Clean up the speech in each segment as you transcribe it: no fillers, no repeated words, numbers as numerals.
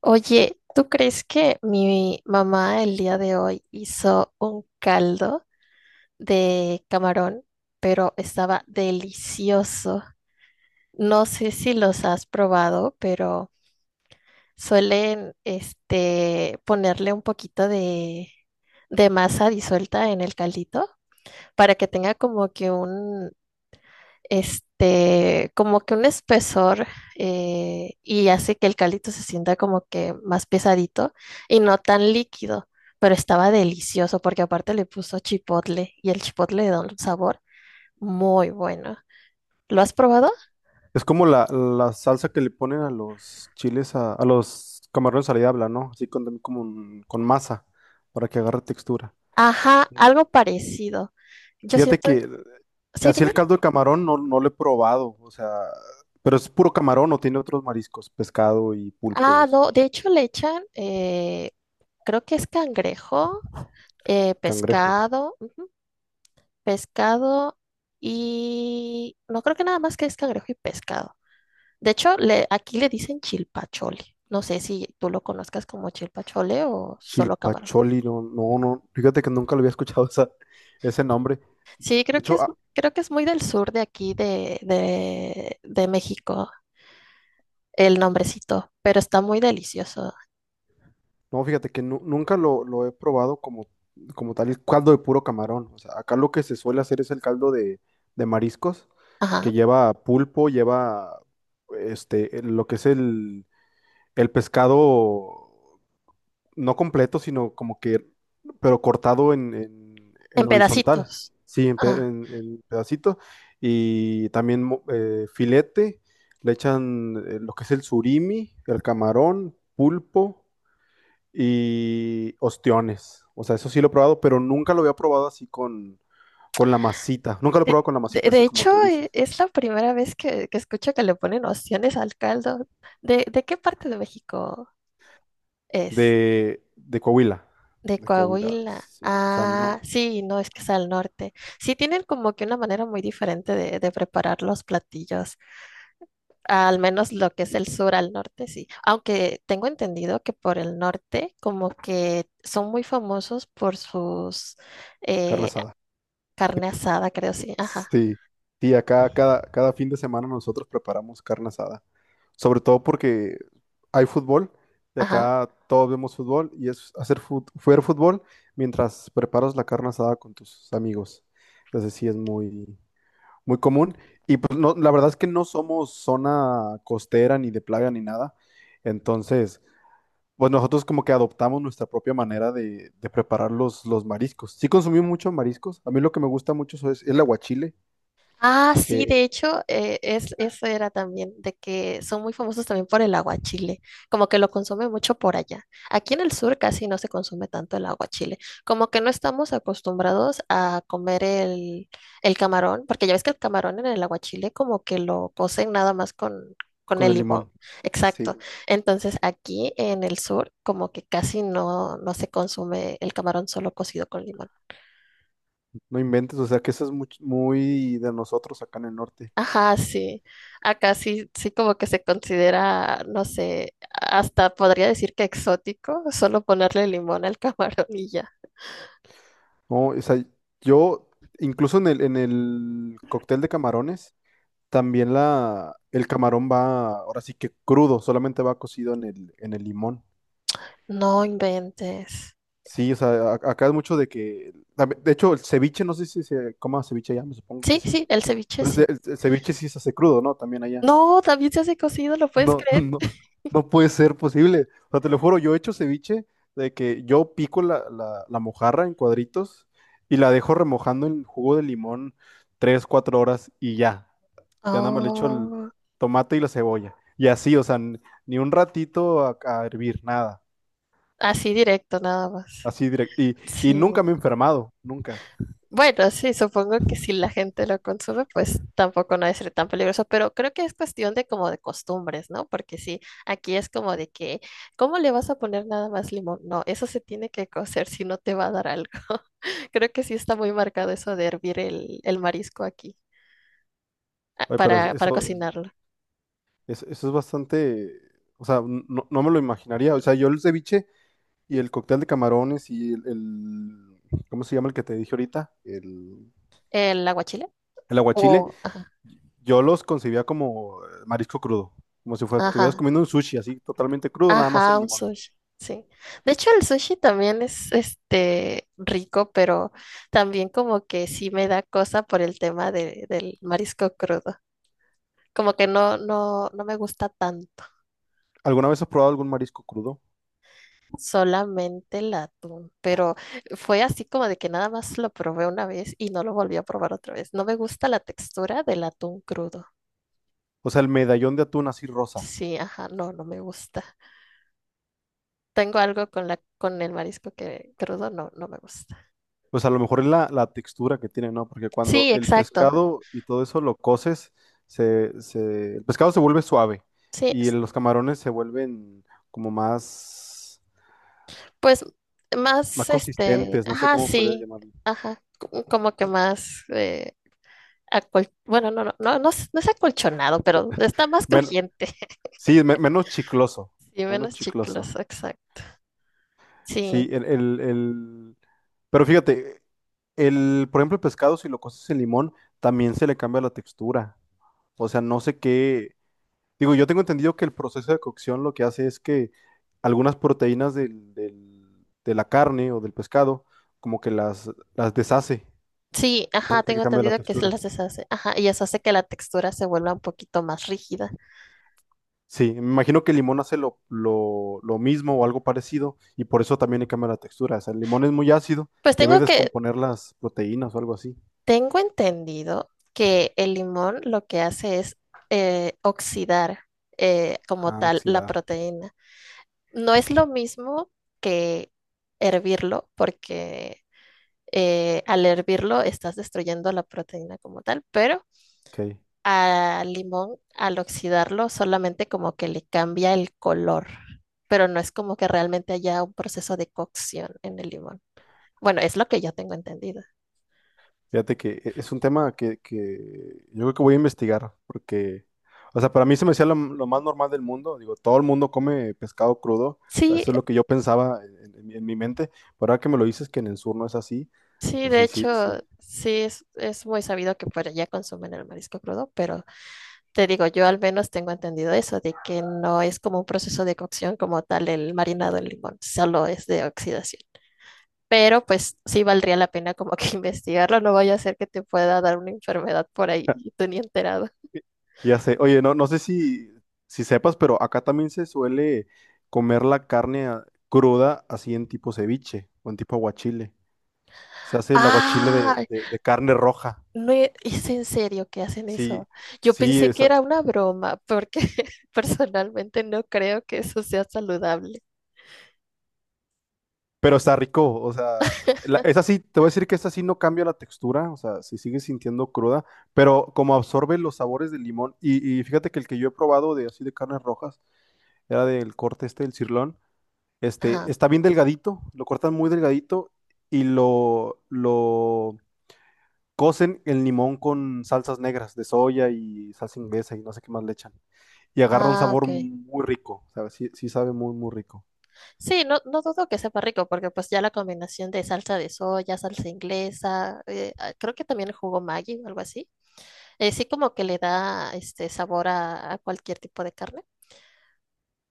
Oye, ¿tú crees que mi mamá el día de hoy hizo un caldo de camarón, pero estaba delicioso? No sé si los has probado, pero suelen ponerle un poquito de masa disuelta en el caldito para que tenga como que un como que un espesor y hace que el caldito se sienta como que más pesadito y no tan líquido, pero estaba delicioso porque aparte le puso chipotle y el chipotle le da un sabor muy bueno. ¿Lo has probado? Es como la salsa que le ponen a los chiles, a los camarones a la diabla, ¿no? Así con, como con masa, para que agarre textura. Ajá, algo parecido. Yo Fíjate siento, que sí, así el dime. caldo de camarón no lo he probado, o sea, pero es puro camarón o tiene otros mariscos, pescado y pulpo y Ah, eso, no, de hecho le echan, creo que es cangrejo, cangrejo. pescado. Pescado y no creo que nada más que es cangrejo y pescado. De hecho, aquí le dicen chilpachole. No sé si tú lo conozcas como chilpachole o solo camarón. Chilpacholi, no, fíjate que nunca lo había escuchado ese nombre. Sí, De hecho, creo que es muy del sur de aquí de México el nombrecito, pero está muy delicioso. no, fíjate que nunca lo he probado como, como tal el caldo de puro camarón. O sea, acá lo que se suele hacer es el caldo de mariscos, Ajá, que lleva pulpo, lleva lo que es el pescado no completo, sino como que, pero cortado en, en en horizontal. pedacitos. Sí, en, Ah, en pedacito. Y también filete, le echan lo que es el surimi, el camarón, pulpo y ostiones. O sea, eso sí lo he probado, pero nunca lo había probado así con la masita. Nunca lo he de, probado con la masita, de así como hecho, tú dices. Es la primera vez que escucho que le ponen opciones al caldo. De qué parte de México es? De Coahuila. De De Coahuila, Coahuila. sí. O sea, no, Ah, sí, no, es que es al norte. Sí, tienen como que una manera muy diferente de preparar los platillos, al menos lo que es el sur al norte, sí. Aunque tengo entendido que por el norte como que son muy famosos por sus carne eh, asada. carne asada, creo, sí. Ajá, Sí, sí, acá cada fin de semana nosotros preparamos carne asada. Sobre todo porque hay fútbol y ajá. acá todos vemos fútbol y es hacer ver fútbol mientras preparas la carne asada con tus amigos. Entonces sí es muy, muy común. Y pues no, la verdad es que no somos zona costera ni de plaga ni nada. Entonces, pues nosotros como que adoptamos nuestra propia manera de preparar los mariscos. Sí consumimos muchos mariscos. A mí lo que me gusta mucho eso es el aguachile Ah, sí, eh, de hecho, es, eso era también, de que son muy famosos también por el aguachile, como que lo consume mucho por allá. Aquí en el sur casi no se consume tanto el aguachile, como que no estamos acostumbrados a comer el camarón, porque ya ves que el camarón en el aguachile como que lo cocen nada más con con el el limón. limón. Sí, Exacto. Entonces aquí en el sur como que casi no, no se consume el camarón solo cocido con limón. no inventes. O sea que eso es muy, de nosotros acá en el norte. Ajá, sí. Acá sí, sí como que se considera, no sé, hasta podría decir que exótico, solo ponerle limón al camarón y ya. No, o sea, yo incluso en en el cóctel de camarones. También el camarón va, ahora sí que crudo, solamente va cocido en en el limón. No inventes. Sí, o sea, acá es mucho de que, de hecho, el ceviche, no sé si se coma ceviche allá, me supongo que Sí, sí. sí, el ceviche Pero el, ce- sí. el ce- ceviche sí se hace crudo, ¿no? También allá. No, también se hace cocido, ¿lo puedes No, creer? no, no puede ser posible. O sea, te lo juro, yo he hecho ceviche de que yo pico la mojarra en cuadritos y la dejo remojando en jugo de limón tres, cuatro horas y ya. Ya nada más le echo el Oh, tomate y la cebolla. Y así, o sea, n- ni un ratito a hervir, nada. así directo nada más. Así directo. Sí. Y nunca me he enfermado, nunca. Bueno, sí, supongo que si la gente lo consume, pues tampoco no debe ser tan peligroso, pero creo que es cuestión de como de costumbres, ¿no? Porque sí, aquí es como ¿cómo le vas a poner nada más limón? No, eso se tiene que cocer si no te va a dar algo. Creo que sí está muy marcado eso de hervir el marisco aquí ah, Oye, pero para eso, cocinarlo. Eso es bastante, o sea, no me lo imaginaría. O sea, yo el ceviche y el cóctel de camarones y el, ¿cómo se llama el que te dije ahorita? ¿El aguachile? El aguachile, O, ajá, yo los concebía como marisco crudo. Como si fuera, estuvieras ajá, comiendo un sushi así, totalmente crudo, nada más el Ajá, un limón. sushi, sí. De hecho, el sushi también es rico, pero también como que sí me da cosa por el tema del marisco crudo. Como que no me gusta tanto, ¿Alguna vez has probado algún marisco crudo? solamente el atún. Pero fue así como de que nada más lo probé una vez y no lo volví a probar otra vez. No me gusta la textura del atún crudo. O sea, el medallón de atún así rosa. Sí, ajá, no me gusta. Tengo algo con con el marisco que crudo no me gusta. Pues a lo mejor es la textura que tiene, ¿no? Porque cuando Sí, el exacto. pescado y todo eso lo coces, el pescado se vuelve suave Sí, y los camarones se vuelven como más, Pues más más, consistentes, no sé ajá, cómo podría sí, llamarlo. ajá, como que más, bueno, es no es acolchonado, pero está más Men- crujiente, sí, menos chicloso, sí, menos menos chicloso. chicloso, exacto. Sí, Sí, el, pero fíjate, el, por ejemplo, el pescado, si lo coces en limón, también se le cambia la textura. O sea, no sé qué, digo, yo tengo entendido que el proceso de cocción lo que hace es que algunas proteínas de la carne o del pescado, como que las deshace sí, y eso ajá, hace que tengo cambie la entendido que se textura. las deshace, ajá, y eso hace que la textura se vuelva un poquito más rígida. Sí, me imagino que el limón hace lo mismo o algo parecido y por eso también le cambia la textura. O sea, el limón es muy ácido, Pues debe tengo que, descomponer las proteínas o algo así. tengo entendido que el limón lo que hace es oxidar como Ah, tal la oxidar. proteína. No es lo mismo que hervirlo, porque al hervirlo estás destruyendo la proteína como tal, pero Ok. al limón, al oxidarlo, solamente como que le cambia el color, pero no es como que realmente haya un proceso de cocción en el limón. Bueno, es lo que yo tengo entendido. Fíjate que es un tema que yo creo que voy a investigar, porque, o sea, para mí se me hacía lo más normal del mundo. Digo, todo el mundo come pescado crudo, o sea, Sí, eso es lo que yo pensaba en, en mi mente, pero ahora que me lo dices que en el sur no es así, sí, pues de sí, sí, hecho, sí. sí, es muy sabido que por allá consumen el marisco crudo, pero te digo, yo al menos tengo entendido eso, de que no es como un proceso de cocción como tal el marinado en limón, solo es de oxidación. Pero pues sí valdría la pena como que investigarlo, no vaya a ser que te pueda dar una enfermedad por ahí y tú ni enterado. Ya sé, oye, no, no sé si, si sepas, pero acá también se suele comer la carne cruda así en tipo ceviche o en tipo aguachile. Se hace el aguachile de, Ah, de carne roja. no es en serio que hacen Sí, eso. Yo sí, pensé que era una broma, porque personalmente no creo que eso sea saludable. pero está rico, o sea, la- esa sí, te voy a decir que esta sí no cambia la textura, o sea, si sigue sintiendo cruda, pero como absorbe los sabores del limón, y fíjate que el que yo he probado de así de carnes rojas, era del corte este del cirlón, este, Ajá. está bien delgadito, lo cortan muy delgadito y lo cocen el limón con salsas negras de soya y salsa inglesa y no sé qué más le echan, y agarra un Ah, sabor ok. muy rico, o sea, sí, sí sabe muy, muy rico. Sí, no, no dudo que sepa rico, porque pues ya la combinación de salsa de soya, salsa inglesa, creo que también jugo Maggi o algo así, sí como que le da este sabor a cualquier tipo de carne.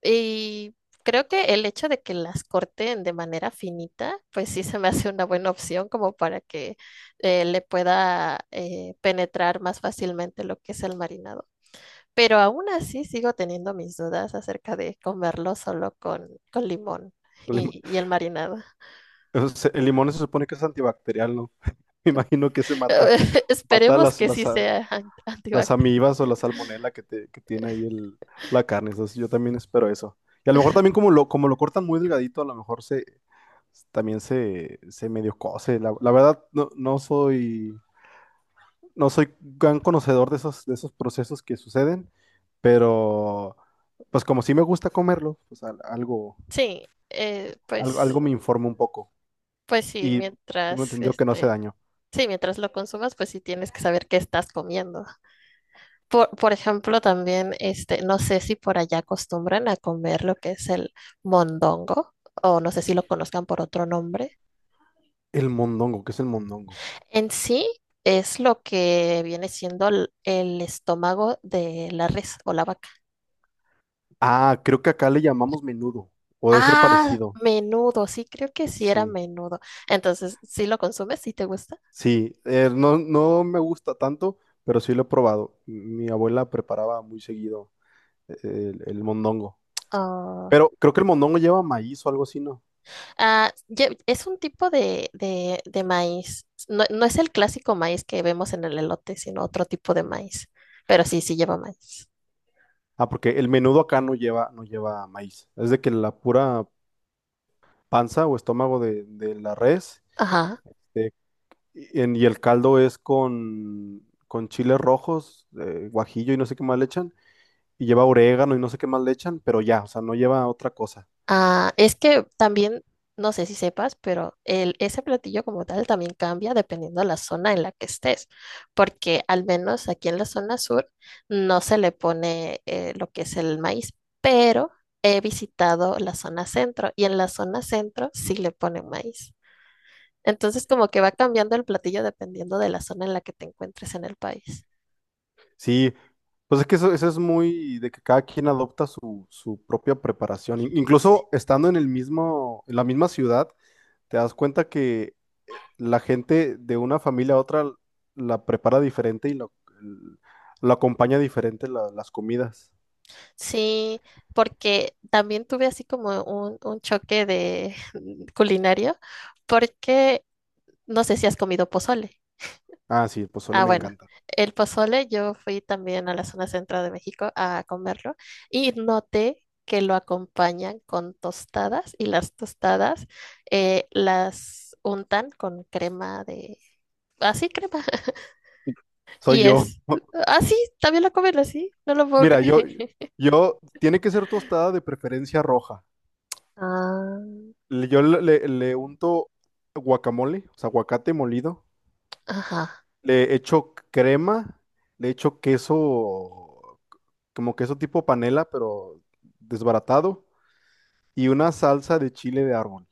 Y creo que el hecho de que las corten de manera finita, pues sí se me hace una buena opción como para que le pueda penetrar más fácilmente lo que es el marinado. Pero aún así sigo teniendo mis dudas acerca de comerlo solo con limón El lim- y el marinado. el limón se supone que es antibacterial, ¿no? Me imagino que se mata, mata Esperemos que sí sea las antivax. amibas o la salmonela que tiene ahí el, la carne. Entonces yo también espero eso. Y a lo mejor también como como lo cortan muy delgadito, a lo mejor se también se medio cose. La verdad, no soy, no soy gran conocedor de esos procesos que suceden, pero pues como sí me gusta comerlo, pues algo, Sí, algo pues, me informa un poco. pues sí, Y tengo mientras entendido que no hace este, daño. sí, mientras lo consumas, pues sí tienes que saber qué estás comiendo. Por ejemplo, también, no sé si por allá acostumbran a comer lo que es el mondongo, o no sé si lo conozcan por otro nombre. El mondongo, ¿qué es el mondongo? En sí es lo que viene siendo el estómago de la res o la vaca. Ah, creo que acá le llamamos menudo, o debe ser Ah, parecido. menudo, sí, creo que sí era Sí, menudo. Entonces, ¿sí lo consumes? ¿Sí te gusta? sí, no, no me gusta tanto, pero sí lo he probado. Mi abuela preparaba muy seguido el mondongo, Ah, pero creo que el mondongo lleva maíz o algo así, ¿no? ah, es un tipo de maíz. No, no es el clásico maíz que vemos en el elote, sino otro tipo de Mm. maíz. Pero sí, sí lleva maíz. Ah, porque el menudo acá no lleva, no lleva maíz. Es de que la pura panza o estómago de la res Ajá. este, y el caldo es con chiles rojos, guajillo y no sé qué más le echan y lleva orégano y no sé qué más le echan, pero ya, o sea, no lleva otra cosa. Ah, es que también, no sé si sepas, pero el, ese platillo como tal también cambia dependiendo de la zona en la que estés, porque al menos aquí en la zona sur no se le pone lo que es el maíz, pero he visitado la zona centro y en la zona centro sí le ponen maíz. Entonces como que va cambiando el platillo dependiendo de la zona en la que te encuentres en el país. Sí, pues es que eso es muy de que cada quien adopta su propia preparación. Incluso estando en el mismo, en la misma ciudad, te das cuenta que la gente de una familia a otra la prepara diferente y l- lo acompaña diferente las comidas. Sí, porque también tuve así como un choque de culinario, porque no sé si has comido pozole. Ah, sí, el pozole Ah, me bueno, encanta. el pozole yo fui también a la zona central de México a comerlo y noté que lo acompañan con tostadas y las tostadas las untan con crema de... Así, crema. Sí, soy Y yo. es... Ah, sí, también lo comen así, no lo puedo Mira, yo, creer. yo, tiene que ser tostada de preferencia roja. Ah, Yo le unto guacamole, o sea, aguacate molido. ajá. Le echo crema, le echo queso, como queso tipo panela, pero desbaratado. Y una salsa de chile de árbol.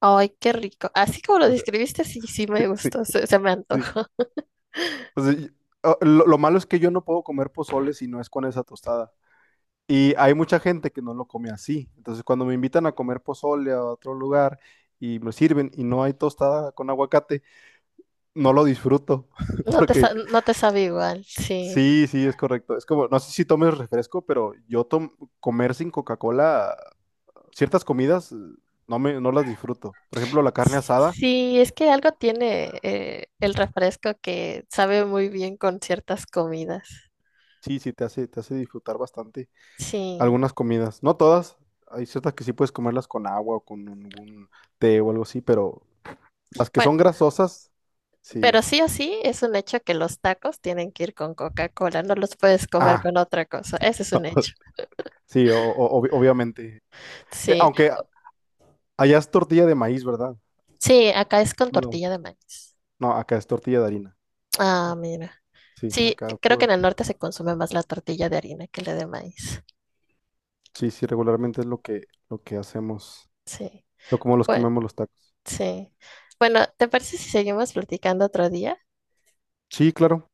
Ay, qué rico. Así como lo O sea, describiste, sí, sí me sí, gustó, se me sí. antojó. O sea, y- ah, lo malo es que yo no puedo comer pozole si no es con esa tostada. Y hay mucha gente que no lo come así. Entonces, cuando me invitan a comer pozole a otro lugar y me sirven y no hay tostada con aguacate, no lo disfruto. Porque No te sabe igual, sí. sí, sí, es correcto. Es como, no sé si tomes refresco, pero comer sin Coca-Cola, ciertas comidas no me, no las disfruto. Por ejemplo, la carne asada, Sí, es que algo tiene el refresco que sabe muy bien con ciertas comidas. sí, sí, te hace disfrutar bastante Sí. algunas comidas. No todas, hay ciertas que sí puedes comerlas con agua o con algún té o algo así, pero las que Bueno, son grasosas, pero sí. sí o sí es un hecho que los tacos tienen que ir con Coca-Cola, no los puedes comer Ah, con otra cosa, ese es un hecho. sí, obviamente. Sí, Aunque allá es tortilla de maíz, ¿verdad? sí, acá es con No, tortilla de maíz. no, acá es tortilla de harina. Ah, mira. Sí, Sí, acá creo que en puro. el norte se consume más la tortilla de harina que la de maíz. Sí, sí, regularmente es lo que hacemos, Sí. lo como los Bueno. comemos los tacos. Sí. Bueno, ¿te parece si seguimos platicando otro día? Sí, claro.